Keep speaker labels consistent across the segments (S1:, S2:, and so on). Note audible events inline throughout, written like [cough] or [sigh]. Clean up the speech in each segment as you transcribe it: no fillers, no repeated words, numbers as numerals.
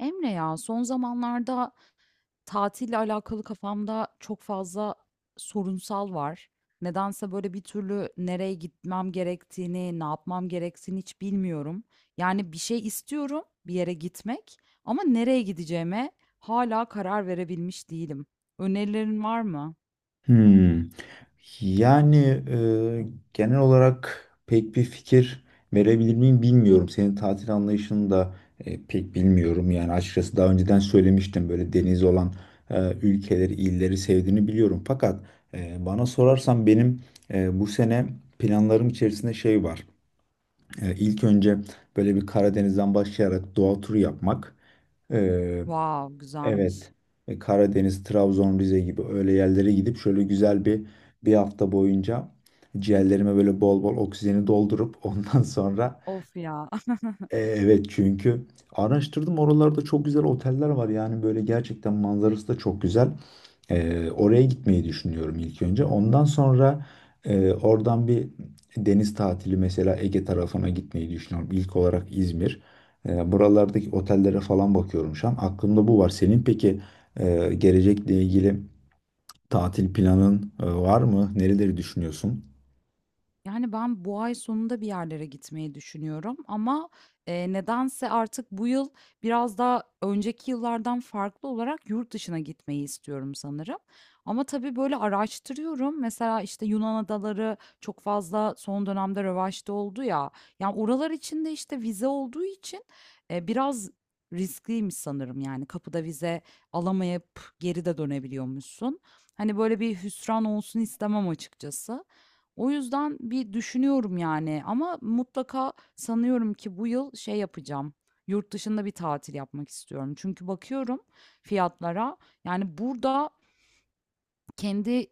S1: Emre ya son zamanlarda tatille alakalı kafamda çok fazla sorunsal var. Nedense böyle bir türlü nereye gitmem gerektiğini, ne yapmam gerektiğini hiç bilmiyorum. Yani bir şey istiyorum, bir yere gitmek ama nereye gideceğime hala karar verebilmiş değilim. Önerilerin var mı?
S2: Hmm. Yani e, genel olarak pek bir fikir verebilir miyim bilmiyorum. Senin tatil anlayışını da pek bilmiyorum. Yani açıkçası daha önceden söylemiştim böyle deniz olan ülkeleri, illeri sevdiğini biliyorum. Fakat bana sorarsan benim bu sene planlarım içerisinde şey var. İlk önce böyle bir Karadeniz'den başlayarak doğa turu yapmak.
S1: Wow,
S2: Evet.
S1: güzelmiş.
S2: Karadeniz, Trabzon, Rize gibi öyle yerlere gidip şöyle güzel bir hafta boyunca ciğerlerime böyle bol bol oksijeni doldurup [laughs] ondan sonra
S1: Of ya.
S2: evet, çünkü araştırdım, oralarda çok güzel oteller var yani böyle gerçekten manzarası da çok güzel. Oraya gitmeyi düşünüyorum ilk önce. Ondan sonra oradan bir deniz tatili mesela Ege tarafına gitmeyi düşünüyorum. İlk olarak İzmir. Buralardaki otellere falan bakıyorum şu an. Aklımda bu var. Senin peki gelecekle ilgili tatil planın var mı? Nereleri düşünüyorsun?
S1: Yani ben bu ay sonunda bir yerlere gitmeyi düşünüyorum ama, nedense artık bu yıl biraz daha önceki yıllardan farklı olarak yurt dışına gitmeyi istiyorum sanırım. Ama tabii böyle araştırıyorum. Mesela, işte, Yunan adaları çok fazla son dönemde revaçta oldu ya. Yani oralar için de, işte, vize olduğu için, biraz riskliymiş sanırım. Yani kapıda vize alamayıp geri de dönebiliyormuşsun. Hani, böyle bir hüsran olsun istemem açıkçası. O yüzden bir düşünüyorum yani ama mutlaka sanıyorum ki bu yıl şey yapacağım. Yurt dışında bir tatil yapmak istiyorum. Çünkü bakıyorum fiyatlara. Yani burada kendi,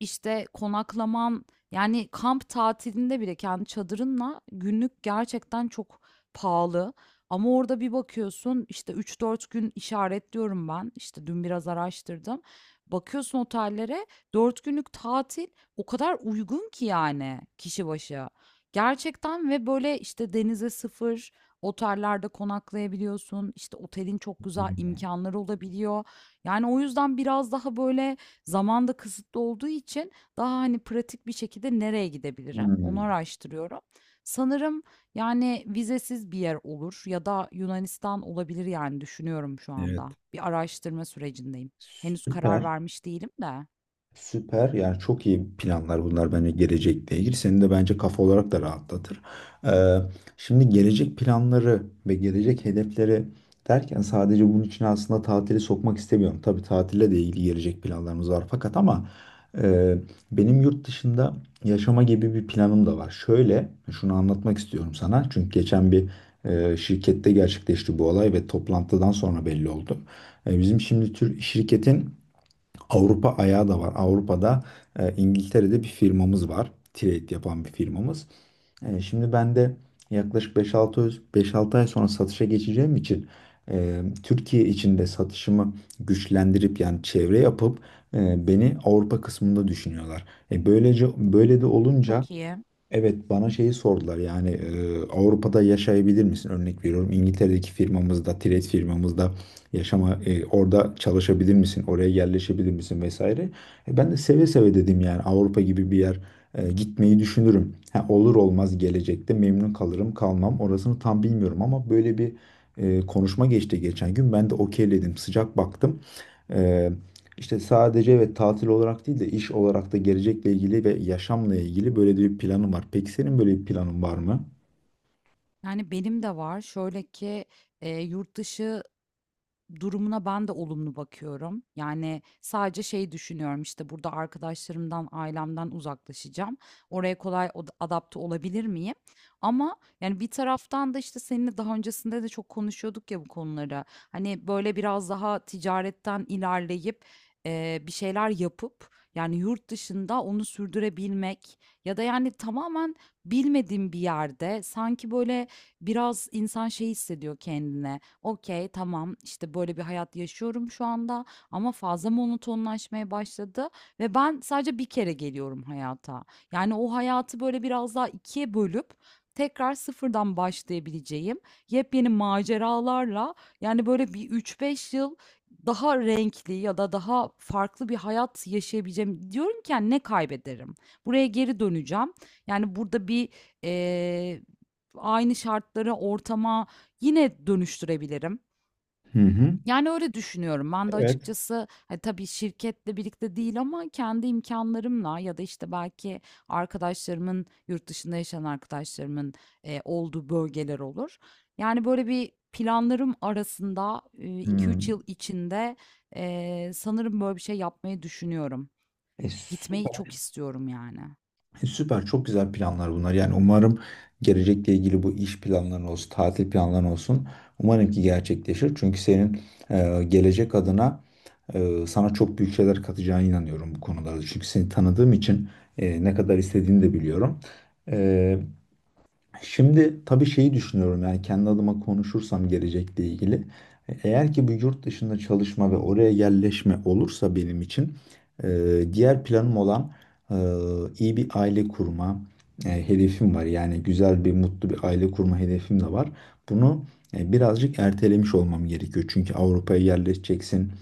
S1: işte, konaklaman, yani, kamp tatilinde bile kendi çadırınla günlük gerçekten çok pahalı ama orada bir bakıyorsun, işte, üç dört gün işaretliyorum ben, işte, dün biraz araştırdım. Bakıyorsun otellere, 4 günlük tatil o kadar uygun ki, yani, kişi başı. Gerçekten ve, böyle, işte, denize sıfır otellerde konaklayabiliyorsun, işte, otelin çok güzel
S2: Hmm.
S1: imkanları olabiliyor. Yani, o yüzden biraz daha, böyle, zaman da kısıtlı olduğu için daha, hani, pratik bir şekilde nereye gidebilirim, onu
S2: Hmm.
S1: araştırıyorum. Sanırım, yani, vizesiz bir yer olur ya da Yunanistan olabilir, yani, düşünüyorum şu
S2: Evet.
S1: anda. Bir araştırma sürecindeyim. Henüz
S2: Süper.
S1: karar vermiş değilim de.
S2: Süper. Yani çok iyi planlar bunlar bence gelecekle ilgili. Seni de bence kafa olarak da rahatlatır. Ee, şimdi gelecek planları ve gelecek hedefleri derken sadece bunun için aslında tatili sokmak istemiyorum. Tabii tatille de ilgili gelecek planlarımız var fakat ama e, benim yurt dışında yaşama gibi bir planım da var. Şöyle şunu anlatmak istiyorum sana. Çünkü geçen bir şirkette gerçekleşti bu olay ve toplantıdan sonra belli oldu. Bizim şimdi tür şirketin Avrupa ayağı da var. Avrupa'da İngiltere'de bir firmamız var. Trade yapan bir firmamız. Şimdi ben de yaklaşık 5-6 ay sonra satışa geçeceğim için Türkiye içinde satışımı güçlendirip yani çevre yapıp beni Avrupa kısmında düşünüyorlar. Böylece böyle de olunca
S1: Çok iyi.
S2: evet, bana şeyi sordular yani Avrupa'da yaşayabilir misin? Örnek veriyorum, İngiltere'deki firmamızda, Tiret firmamızda yaşama orada çalışabilir misin? Oraya yerleşebilir misin vesaire. Ben de seve seve dedim yani Avrupa gibi bir yer gitmeyi düşünürüm. Ha, olur olmaz gelecekte memnun kalırım kalmam orasını tam bilmiyorum ama böyle bir konuşma geçti geçen gün, ben de okeyledim, sıcak baktım. E, işte sadece ve tatil olarak değil de iş olarak da gelecekle ilgili ve yaşamla ilgili böyle de bir planım var. Peki senin böyle bir planın var mı?
S1: Yani, benim de var. Şöyle ki, yurt dışı. Durumuna ben de olumlu bakıyorum. Yani sadece şey düşünüyorum, işte, burada arkadaşlarımdan, ailemden uzaklaşacağım. Oraya kolay adapte olabilir miyim? Ama, yani, bir taraftan da, işte, seninle daha öncesinde de çok konuşuyorduk ya bu konuları. Hani, böyle, biraz daha ticaretten ilerleyip, bir şeyler yapıp, yani, yurt dışında onu sürdürebilmek ya da, yani, tamamen bilmediğim bir yerde sanki, böyle, biraz insan şey hissediyor kendine. Okey, tamam, işte, böyle bir hayat yaşıyorum şu anda ama fazla monotonlaşmaya başladı ve ben sadece bir kere geliyorum hayata. Yani o hayatı böyle biraz daha ikiye bölüp tekrar sıfırdan başlayabileceğim yepyeni maceralarla, yani, böyle bir üç beş yıl daha renkli ya da daha farklı bir hayat yaşayabileceğim. Diyorum ki, hani, ne kaybederim? Buraya geri döneceğim. Yani, burada bir, eee, aynı şartlara, ortama yine dönüştürebilirim.
S2: Hı hı.
S1: Yani öyle düşünüyorum. Ben de
S2: Evet.
S1: açıkçası, hani, tabii şirketle birlikte değil ama kendi imkanlarımla ya da, işte, belki arkadaşlarımın, yurt dışında yaşayan arkadaşlarımın, olduğu bölgeler olur. Yani, böyle bir planlarım arasında, 2-3 yıl
S2: Hmm.
S1: içinde, sanırım böyle bir şey yapmayı düşünüyorum. Gitmeyi çok
S2: Süper.
S1: istiyorum yani.
S2: Süper. Çok güzel planlar bunlar. Yani umarım gelecekle ilgili bu iş planların olsun, tatil planların olsun. Umarım ki gerçekleşir. Çünkü senin gelecek adına sana çok büyük şeyler katacağına inanıyorum bu konularda. Çünkü seni tanıdığım için ne kadar istediğini de biliyorum. E, Şimdi tabii şeyi düşünüyorum yani kendi adıma konuşursam gelecekle ilgili. Eğer ki bu yurt dışında çalışma ve oraya yerleşme olursa benim için e, diğer planım olan e, iyi bir aile kurma hedefim var. Yani güzel bir mutlu bir aile kurma hedefim de var. Bunu birazcık ertelemiş olmam gerekiyor. Çünkü Avrupa'ya yerleşeceksin,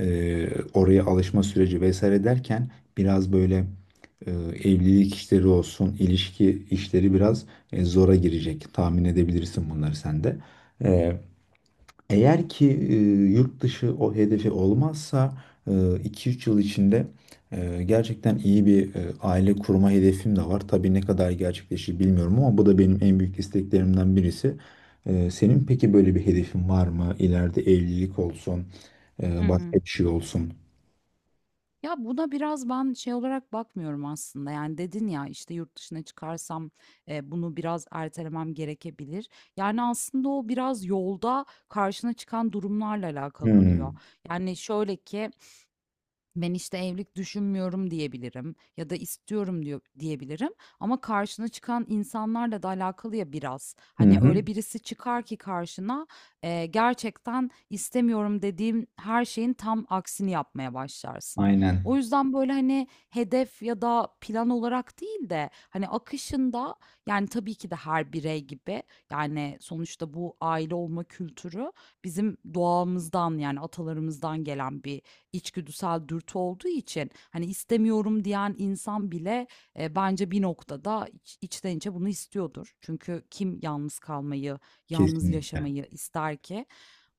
S2: oraya alışma süreci vesaire derken biraz böyle e, evlilik işleri olsun, ilişki işleri biraz zora girecek. Tahmin edebilirsin bunları sen de. E, eğer ki yurt dışı o hedefi olmazsa iki üç yıl içinde gerçekten iyi bir aile kurma hedefim de var. Tabii ne kadar gerçekleşir bilmiyorum ama bu da benim en büyük isteklerimden birisi. Senin peki böyle bir hedefin var mı? İleride evlilik olsun,
S1: Hı
S2: başka
S1: hı.
S2: bir şey olsun.
S1: Ya, buna biraz ben şey olarak bakmıyorum aslında, yani, dedin ya, işte, "Yurt dışına çıkarsam, bunu biraz ertelemem gerekebilir." Yani, aslında o biraz yolda karşına çıkan durumlarla alakalı oluyor.
S2: Hmm.
S1: Yani, şöyle ki ben işte evlilik düşünmüyorum diyebilirim ya da istiyorum diyebilirim ama karşına çıkan insanlarla da alakalı ya biraz.
S2: Hı
S1: Hani
S2: hı.
S1: öyle birisi çıkar ki karşına gerçekten istemiyorum dediğim her şeyin tam aksini yapmaya başlarsın. O
S2: Aynen.
S1: yüzden böyle hani hedef ya da plan olarak değil de hani akışında yani tabii ki de her birey gibi yani sonuçta bu aile olma kültürü bizim doğamızdan yani atalarımızdan gelen bir içgüdüsel dürtü olduğu için, hani, istemiyorum diyen insan bile, bence bir noktada içten içe bunu istiyordur. Çünkü kim yalnız kalmayı, yalnız
S2: Kesinlikle.
S1: yaşamayı ister ki?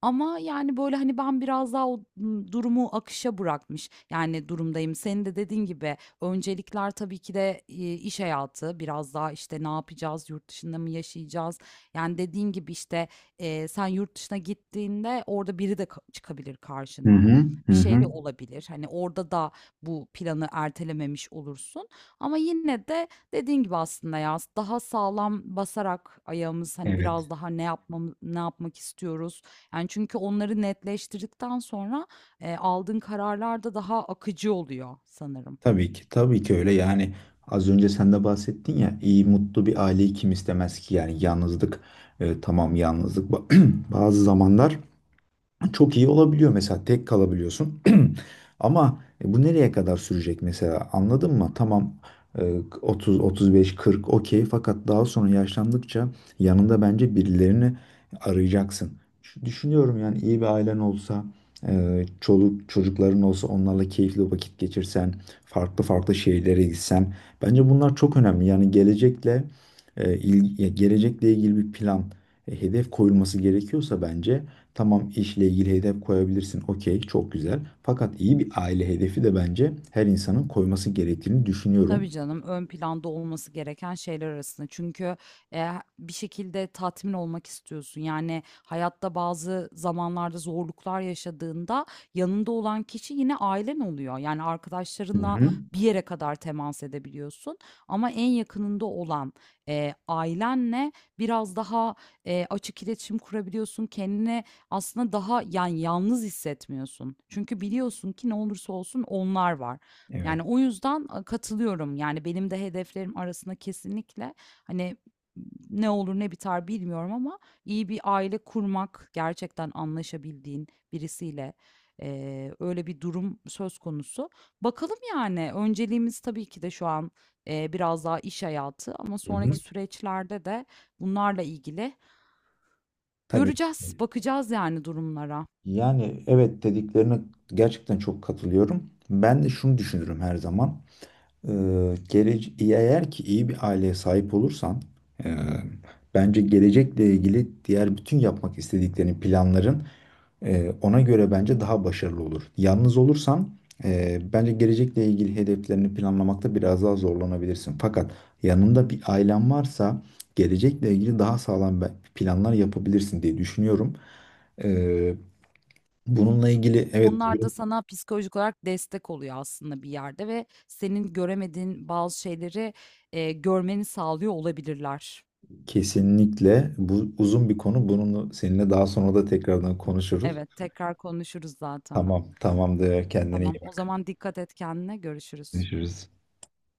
S1: Ama, yani, böyle, hani, ben biraz daha o, durumu akışa bırakmış, yani, durumdayım. Senin de dediğin gibi öncelikler tabii ki de, iş hayatı, biraz daha, işte, ne yapacağız, yurt dışında mı yaşayacağız? Yani, dediğin gibi, işte, sen yurt dışına gittiğinde orada biri de çıkabilir
S2: Hı
S1: karşına.
S2: hı. Hı
S1: Bir şey
S2: hı.
S1: de olabilir. Hani, orada da bu planı ertelememiş olursun ama yine de dediğin gibi aslında ya, daha sağlam basarak ayağımız, hani,
S2: Evet.
S1: biraz daha ne ne yapmak istiyoruz? Yani çünkü onları netleştirdikten sonra, aldığın kararlar da daha akıcı oluyor sanırım.
S2: Tabii ki, tabii ki öyle. Yani az önce sen de bahsettin ya, iyi mutlu bir aileyi kim istemez ki? Yani yalnızlık, tamam, yalnızlık [clears throat] bazı zamanlar çok iyi olabiliyor, mesela tek kalabiliyorsun [clears throat] ama bu nereye kadar sürecek mesela, anladın mı? Tamam, e, 30 35 40, okey, fakat daha sonra yaşlandıkça yanında bence birilerini arayacaksın. Düşünüyorum yani iyi bir ailen olsa çoluk çocukların olsa, onlarla keyifli vakit geçirsen, farklı farklı şehirlere gitsen, bence bunlar çok önemli. Yani gelecekle gelecekle ilgili bir plan hedef koyulması gerekiyorsa bence tamam, işle ilgili hedef koyabilirsin. Okey, çok güzel. Fakat iyi bir aile hedefi de bence her insanın koyması gerektiğini düşünüyorum.
S1: Tabii canım, ön planda olması gereken şeyler arasında. Çünkü, eee, bir şekilde tatmin olmak istiyorsun. Yani hayatta bazı zamanlarda zorluklar yaşadığında yanında olan kişi yine ailen oluyor. Yani
S2: Hı
S1: arkadaşlarınla
S2: hı.
S1: bir yere kadar temas edebiliyorsun ama en yakınında olan, ailenle biraz daha, açık iletişim kurabiliyorsun. Kendini aslında daha, yani, yalnız hissetmiyorsun. Çünkü biliyorsun ki ne olursa olsun onlar var.
S2: Evet.
S1: Yani, o yüzden, katılıyorum. Yani, benim de hedeflerim arasında kesinlikle, hani, ne olur ne biter bilmiyorum ama iyi bir aile kurmak, gerçekten anlaşabildiğin birisiyle, öyle bir durum söz konusu. Bakalım, yani, önceliğimiz tabii ki de şu an, biraz daha iş hayatı ama
S2: Hı
S1: sonraki
S2: hı.
S1: süreçlerde de bunlarla ilgili
S2: Tabii.
S1: göreceğiz, bakacağız yani durumlara.
S2: Yani evet, dediklerine gerçekten çok katılıyorum. Ben de şunu düşünürüm her zaman. Eğer ki iyi bir aileye sahip olursan, e, bence gelecekle ilgili diğer bütün yapmak istediklerini planların ona göre bence daha başarılı olur. Yalnız olursan bence gelecekle ilgili hedeflerini planlamakta biraz daha zorlanabilirsin. Fakat yanında bir ailen varsa gelecekle ilgili daha sağlam planlar yapabilirsin diye düşünüyorum. Ee, bununla ilgili evet,
S1: Onlar da sana psikolojik olarak destek oluyor aslında bir yerde ve senin göremediğin bazı şeyleri, görmeni sağlıyor olabilirler.
S2: kesinlikle bu uzun bir konu. Bununla seninle daha sonra da tekrardan konuşuruz.
S1: Evet, tekrar konuşuruz zaten.
S2: Tamam, tamamdır. Kendine iyi
S1: Tamam, o
S2: bak.
S1: zaman dikkat et kendine, görüşürüz.
S2: Görüşürüz.